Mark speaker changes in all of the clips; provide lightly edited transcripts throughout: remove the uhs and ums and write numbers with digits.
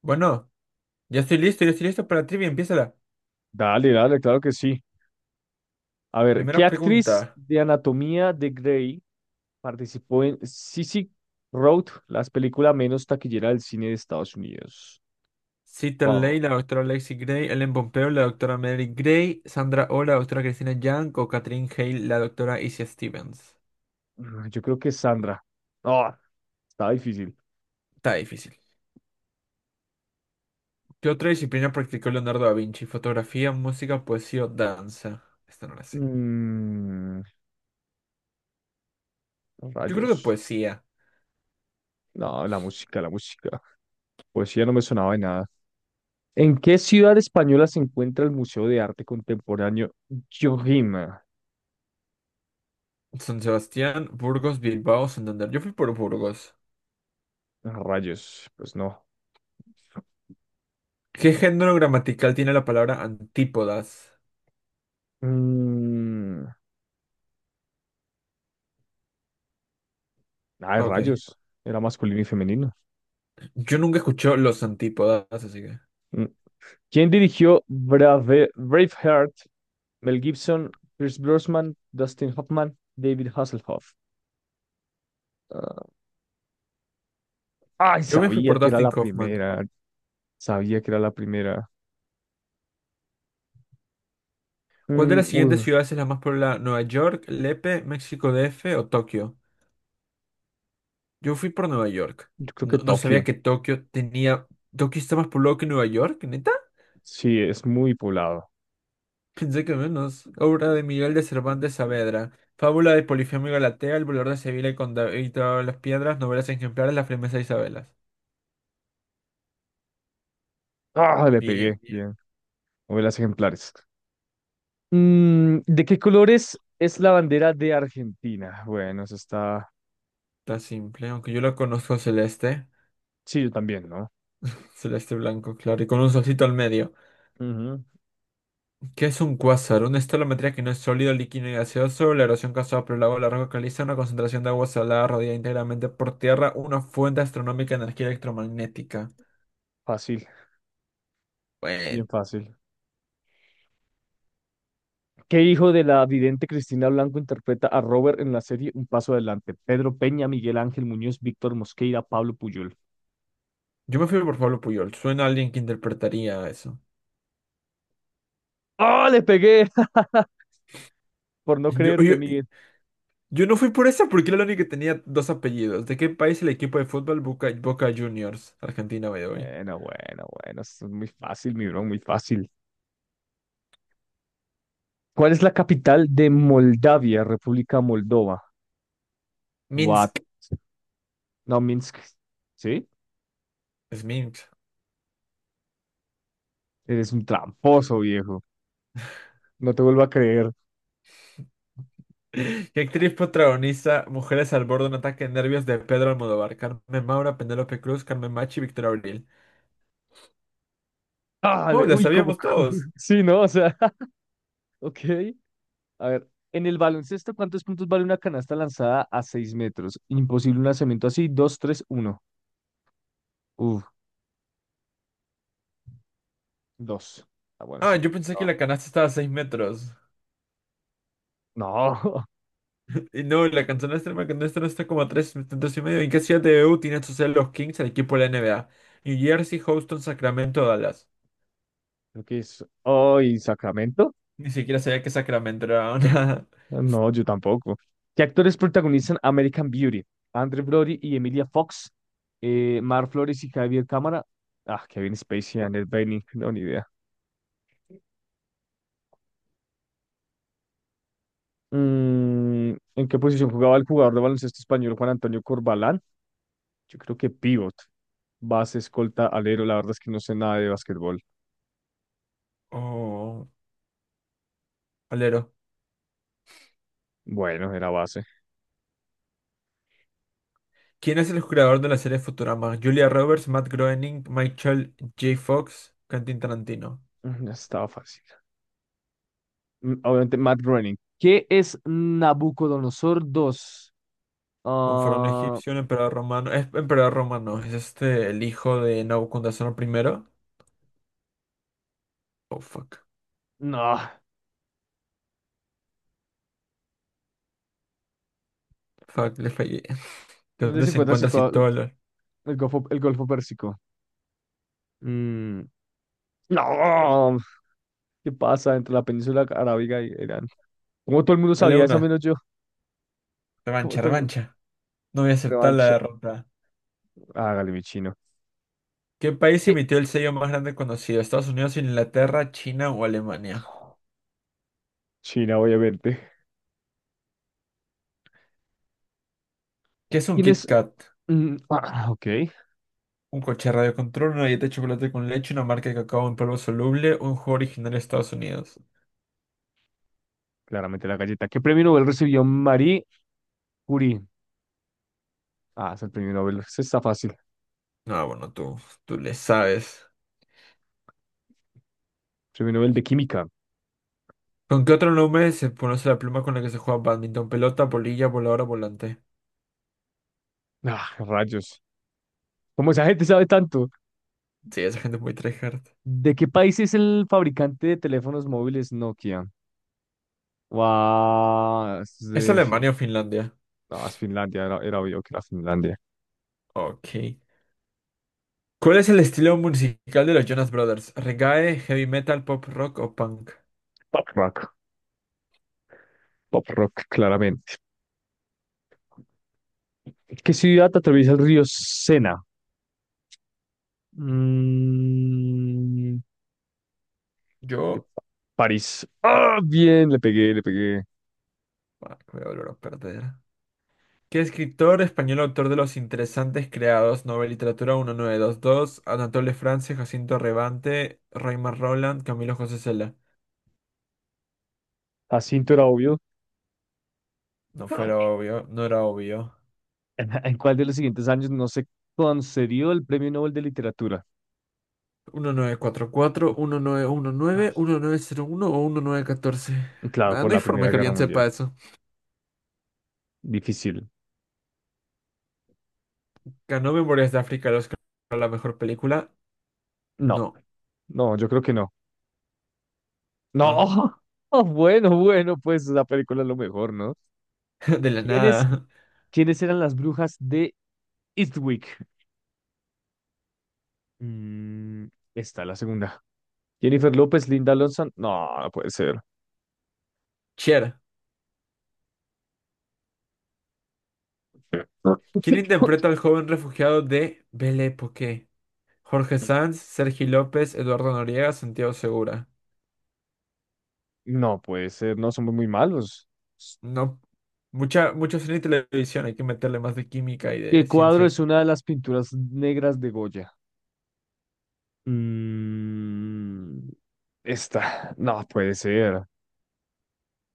Speaker 1: Bueno, ya estoy listo para la trivia. Empiézala.
Speaker 2: Dale, dale, claro que sí. A ver, ¿qué
Speaker 1: Primera
Speaker 2: actriz
Speaker 1: pregunta.
Speaker 2: de Anatomía de Grey participó en Sissy Road, la película menos taquillera del cine de Estados Unidos?
Speaker 1: Cita Ley,
Speaker 2: Wow,
Speaker 1: la doctora Lexi Gray, Ellen Pompeo, la doctora Mary Gray, Sandra Oh, la doctora Cristina Yang o Catherine Hale, la doctora Isia Stevens.
Speaker 2: yo creo que es Sandra. No, está difícil.
Speaker 1: Está difícil. ¿Qué otra disciplina practicó Leonardo da Vinci? ¿Fotografía, música, poesía o danza? Esta no la sé.
Speaker 2: Mm,
Speaker 1: Yo creo que
Speaker 2: rayos.
Speaker 1: poesía.
Speaker 2: No, la música, la música. Poesía no me sonaba de nada. ¿En qué ciudad española se encuentra el Museo de Arte Contemporáneo Jojima?
Speaker 1: San Sebastián, Burgos, Bilbao, Santander. Yo fui por Burgos.
Speaker 2: Rayos, pues no.
Speaker 1: ¿Qué género gramatical tiene la palabra antípodas?
Speaker 2: Mm, ay,
Speaker 1: Ok.
Speaker 2: rayos. Era masculino y femenino.
Speaker 1: Yo nunca escuché los antípodas, así que.
Speaker 2: Mm. ¿Quién dirigió Brave, Braveheart? Mel Gibson, Pierce Brosnan, Dustin Hoffman, David Hasselhoff. Ah, ay,
Speaker 1: Yo me fui
Speaker 2: sabía
Speaker 1: por
Speaker 2: que era
Speaker 1: Dustin
Speaker 2: la
Speaker 1: Kaufman.
Speaker 2: primera. Sabía que era la primera.
Speaker 1: ¿Cuál de las siguientes
Speaker 2: Uy,
Speaker 1: ciudades es la más poblada? ¿Nueva York, Lepe, México DF o Tokio? Yo fui por Nueva York.
Speaker 2: yo creo que
Speaker 1: No, no
Speaker 2: Tokio.
Speaker 1: sabía que Tokio tenía. ¿Tokio está más poblado que Nueva York, neta?
Speaker 2: Sí, es muy poblado.
Speaker 1: Pensé que menos. Obra de Miguel de Cervantes Saavedra. Fábula de Polifemo y Galatea, El volador de Sevilla y con David todas las piedras, novelas ejemplares, La firmeza de Isabelas.
Speaker 2: Ah, le pegué.
Speaker 1: Bien, bien.
Speaker 2: Bien. Novelas ejemplares. ¿De qué colores es la bandera de Argentina? Bueno, eso está.
Speaker 1: Está simple, aunque yo lo conozco celeste.
Speaker 2: Sí, yo también, ¿no?
Speaker 1: Celeste blanco, claro, y con un solcito al medio.
Speaker 2: Ujú,
Speaker 1: ¿Qué es un cuásar? Una escalometría que no es sólido, líquido ni gaseoso. La erosión causada por el agua de la roca caliza, una concentración de agua salada rodeada íntegramente por tierra, una fuente astronómica de energía electromagnética.
Speaker 2: fácil,
Speaker 1: Bueno,
Speaker 2: bien fácil. ¿Qué hijo de la vidente Cristina Blanco interpreta a Robert en la serie Un Paso Adelante? Pedro Peña, Miguel Ángel Muñoz, Víctor Mosqueira, Pablo Puyol.
Speaker 1: yo me fui por Pablo Puyol. Suena a alguien que interpretaría eso.
Speaker 2: ¡Ah, le pegué! Por no
Speaker 1: Yo,
Speaker 2: creerte,
Speaker 1: yo,
Speaker 2: Miguel.
Speaker 1: yo no fui por esa porque era la única que tenía dos apellidos. ¿De qué país el equipo de fútbol Boca Juniors? Argentina, by the way.
Speaker 2: Bueno, bueno, bueno. Esto es muy fácil, mi bro, muy fácil. ¿Cuál es la capital de Moldavia, República Moldova? What?
Speaker 1: Minsk.
Speaker 2: No, Minsk. ¿Sí?
Speaker 1: Es Minsk.
Speaker 2: Eres un tramposo, viejo. No te vuelvo a creer.
Speaker 1: ¿Qué actriz protagoniza Mujeres al borde de un ataque de nervios de Pedro Almodóvar? Carmen Maura, Penélope Cruz, Carmen Machi, Victoria Abril.
Speaker 2: ¡Ah,
Speaker 1: Oh, la
Speaker 2: uy, cómo!
Speaker 1: sabíamos todos.
Speaker 2: Sí, ¿no? O sea, ok. A ver, en el baloncesto, ¿cuántos puntos vale una canasta lanzada a 6 metros? Imposible un lanzamiento así. Dos, tres, uno. Uf, 2. Ah, bueno,
Speaker 1: Ah,
Speaker 2: sí.
Speaker 1: yo pensé que
Speaker 2: No.
Speaker 1: la canasta estaba a 6 metros.
Speaker 2: No,
Speaker 1: Y no, la canasta extrema que no está está como a 3 metros y medio. ¿En qué ciudad de E u tienen su sede los Kings, el equipo de la NBA? New Jersey, Houston, Sacramento, Dallas.
Speaker 2: creo que es. Oh, ¿y Sacramento?
Speaker 1: Ni siquiera sabía que Sacramento era una.
Speaker 2: No, yo tampoco. ¿Qué actores protagonizan American Beauty? Andrew Brody y Emilia Fox. Mar Flores y Javier Cámara. Ah, Kevin Spacey y Annette Bening. No, ni idea. ¿En qué posición jugaba el jugador de baloncesto español Juan Antonio Corbalán? Yo creo que pivot. Base, escolta, alero. La verdad es que no sé nada de básquetbol.
Speaker 1: Oh, alero.
Speaker 2: Bueno, era base.
Speaker 1: ¿Quién es el creador de la serie Futurama? Julia Roberts, Matt Groening, Michael J. Fox, Quentin Tarantino.
Speaker 2: Ya estaba fácil. Obviamente, Matt Groening. ¿Qué es Nabucodonosor dos?
Speaker 1: Un faraón
Speaker 2: Ah,
Speaker 1: egipcio, un emperador romano. Es emperador romano. Es este el hijo de Nabucodonosor primero. Oh, fuck.
Speaker 2: no.
Speaker 1: Fuck, le fallé. ¿De
Speaker 2: ¿Dónde
Speaker 1: dónde
Speaker 2: se
Speaker 1: se
Speaker 2: encuentra
Speaker 1: encuentra
Speaker 2: situado
Speaker 1: Citóla?
Speaker 2: el Golfo Pérsico? Mm, No. ¿Qué pasa entre la península arábiga y Irán? Como todo el mundo
Speaker 1: Dale
Speaker 2: sabía eso,
Speaker 1: una.
Speaker 2: menos yo. Como
Speaker 1: Revancha,
Speaker 2: todo el mundo.
Speaker 1: revancha. No voy a aceptar la
Speaker 2: Revancha.
Speaker 1: derrota.
Speaker 2: Hágale, mi chino.
Speaker 1: ¿Qué país
Speaker 2: ¿qué-
Speaker 1: emitió el sello más grande conocido? ¿Estados Unidos, Inglaterra, China o Alemania?
Speaker 2: China, obviamente.
Speaker 1: ¿Qué es un
Speaker 2: ¿Quién
Speaker 1: Kit
Speaker 2: es?
Speaker 1: Kat?
Speaker 2: Mm, ah, ok.
Speaker 1: Un coche de radio, una dieta de chocolate con leche, una marca de cacao en polvo soluble, un juego original de Estados Unidos.
Speaker 2: Claramente la galleta. ¿Qué premio Nobel recibió Marie Curie? Ah, es el premio Nobel. Ese está fácil.
Speaker 1: No, bueno, tú le sabes.
Speaker 2: Premio Nobel de Química.
Speaker 1: ¿Con qué otro nombre se conoce la pluma con la que se juega bádminton? Pelota, bolilla, voladora, volante.
Speaker 2: Ah, rayos. ¿Cómo esa gente sabe tanto?
Speaker 1: Sí, esa gente es muy tryhard.
Speaker 2: ¿De qué país es el fabricante de teléfonos móviles Nokia? Guau,
Speaker 1: ¿Es Alemania o Finlandia?
Speaker 2: No, es Finlandia. Era obvio que era Finlandia.
Speaker 1: Ok. ¿Cuál es el estilo musical de los Jonas Brothers? ¿Reggae, heavy metal, pop rock o punk?
Speaker 2: Pop rock. Pop rock, claramente. ¿Qué ciudad atraviesa el río Sena? Mm,
Speaker 1: Yo...
Speaker 2: París. Ah, bien, le pegué, le pegué.
Speaker 1: ah, me voy a volver a perder. ¿Qué escritor español autor de los interesantes creados? Nobel Literatura 1922, Anatole France, Jacinto Rebante, Raymond Roland, Camilo José Cela.
Speaker 2: Jacinto era obvio.
Speaker 1: No fuera obvio, no era obvio.
Speaker 2: ¿En cuál de los siguientes años no se concedió el Premio Nobel de Literatura?
Speaker 1: 1944, 1919, uno o 1914.
Speaker 2: Claro,
Speaker 1: Nah,
Speaker 2: por
Speaker 1: no hay
Speaker 2: la
Speaker 1: forma
Speaker 2: Primera
Speaker 1: que
Speaker 2: Guerra
Speaker 1: alguien
Speaker 2: Mundial.
Speaker 1: sepa eso.
Speaker 2: Difícil.
Speaker 1: ¿Ganó Memorias de África el Oscar a la mejor película?
Speaker 2: No,
Speaker 1: No,
Speaker 2: no, yo creo que no. No,
Speaker 1: no.
Speaker 2: oh, bueno, bueno, pues la película es lo mejor, ¿no?
Speaker 1: De la
Speaker 2: ¿Quiénes,
Speaker 1: nada.
Speaker 2: quiénes eran las brujas de Eastwick? Mm, esta, la segunda. Jennifer López, Linda Lonson. No, no puede ser.
Speaker 1: Cher. ¿Quién interpreta al joven refugiado de Belle Époque? Jorge Sanz, Sergi López, Eduardo Noriega, Santiago Segura.
Speaker 2: No puede ser, no, somos muy malos.
Speaker 1: No. Mucha, mucho cine y televisión. Hay que meterle más de química y de
Speaker 2: ¿Qué cuadro es
Speaker 1: ciencias.
Speaker 2: una de las pinturas negras de Goya? Mm, esta, no puede ser.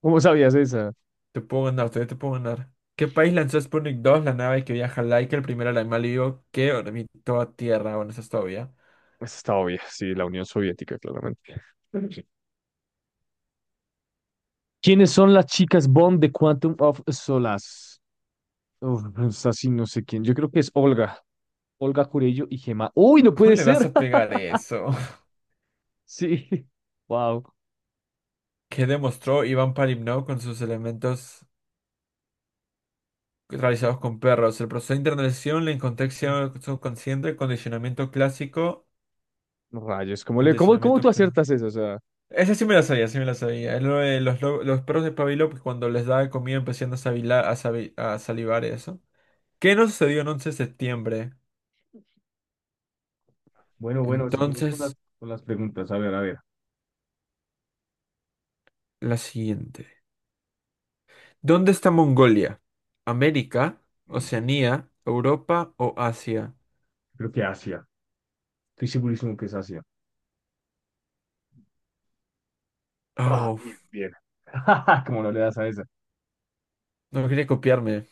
Speaker 2: ¿Cómo sabías esa?
Speaker 1: Te puedo ganar, todavía te puedo ganar. ¿Qué país lanzó Sputnik 2, la nave que viaja Laika, el primer animal vivo que orbitó a Tierra? Bueno, eso es todavía.
Speaker 2: Esta está obvia, sí, la Unión Soviética, claramente. Sí. ¿Quiénes son las chicas Bond de Quantum of Solace? Uf, esta sí no sé quién. Yo creo que es Olga Curello y Gemma. ¡Uy, no
Speaker 1: ¿Cómo
Speaker 2: puede
Speaker 1: le vas
Speaker 2: ser!
Speaker 1: a pegar eso?
Speaker 2: Sí, wow.
Speaker 1: ¿Qué demostró Iván Palimnov con sus elementos realizados con perros? El proceso de internalización, la incontexto subconsciente, condicionamiento clásico,
Speaker 2: Rayos, ¿cómo cómo
Speaker 1: condicionamiento...
Speaker 2: tú
Speaker 1: per-
Speaker 2: aciertas eso? O sea,
Speaker 1: Esa sí me la sabía, sí me la sabía.
Speaker 2: no.
Speaker 1: Es lo de los, lo- los perros de Pavlov que cuando les daba comida empezaban a, sabila- a sabi- a salivar eso. ¿Qué no sucedió en 11 de septiembre?
Speaker 2: Ah, bueno, es fácil, ¿no? Bueno, bueno, seguimos con, las
Speaker 1: Entonces.
Speaker 2: con las preguntas. A ver, a ver.
Speaker 1: La siguiente. ¿Dónde está Mongolia? ¿América?
Speaker 2: Mm.
Speaker 1: ¿Oceanía? ¿Europa o Asia?
Speaker 2: Creo que Asia. Estoy segurísimo que es Asia. Ah,
Speaker 1: Oh,
Speaker 2: bien,
Speaker 1: f-
Speaker 2: bien. Como no le das a esa.
Speaker 1: no quería copiarme.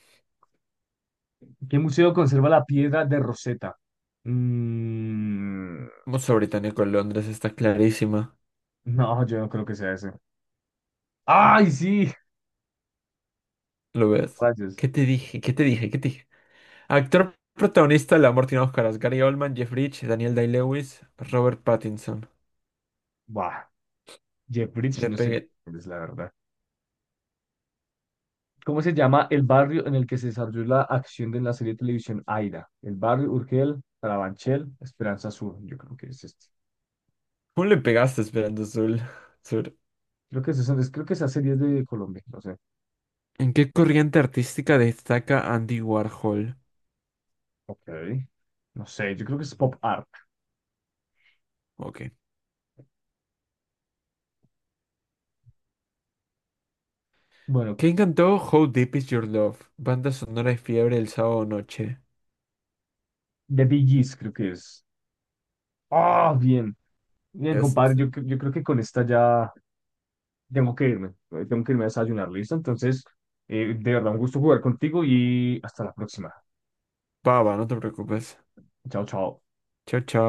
Speaker 2: ¿Qué museo conserva la piedra de Rosetta? Mm,
Speaker 1: Museo Británico en Londres está clarísima.
Speaker 2: no, yo no creo que sea ese. ¡Ay, sí!
Speaker 1: ¿Lo ves?
Speaker 2: Rayos.
Speaker 1: ¿Qué te dije? ¿Qué te dije? ¿Qué te dije? Actor protagonista de La Amor tiene Oscaras. Gary Oldman, Jeff Bridges, Daniel Day-Lewis, Robert Pattinson.
Speaker 2: Bah, Jeffries,
Speaker 1: Le
Speaker 2: no sé
Speaker 1: pegué.
Speaker 2: cuál es la verdad. ¿Cómo se llama el barrio en el que se desarrolló la acción de la serie de televisión Aira? El barrio Urgel, Carabanchel, Esperanza Sur. Yo creo que es este.
Speaker 1: ¿Cómo le pegaste esperando Azul? Sur.
Speaker 2: Creo que esa serie es de Colombia, no sé.
Speaker 1: ¿En qué corriente artística destaca Andy Warhol?
Speaker 2: Ok. No sé, yo creo que es pop art.
Speaker 1: Ok.
Speaker 2: Bueno,
Speaker 1: ¿Quién cantó How Deep Is Your Love? Banda sonora de fiebre el sábado noche.
Speaker 2: The Bee Gees creo que es. Ah, bien, bien, compadre. Yo,
Speaker 1: Este,
Speaker 2: cre- yo creo que con esta ya tengo que irme. Tengo que irme a desayunar, ¿listo? Entonces, de verdad, un gusto jugar contigo y hasta la próxima.
Speaker 1: pava, no te preocupes.
Speaker 2: Chao, chao.
Speaker 1: Chao, chao.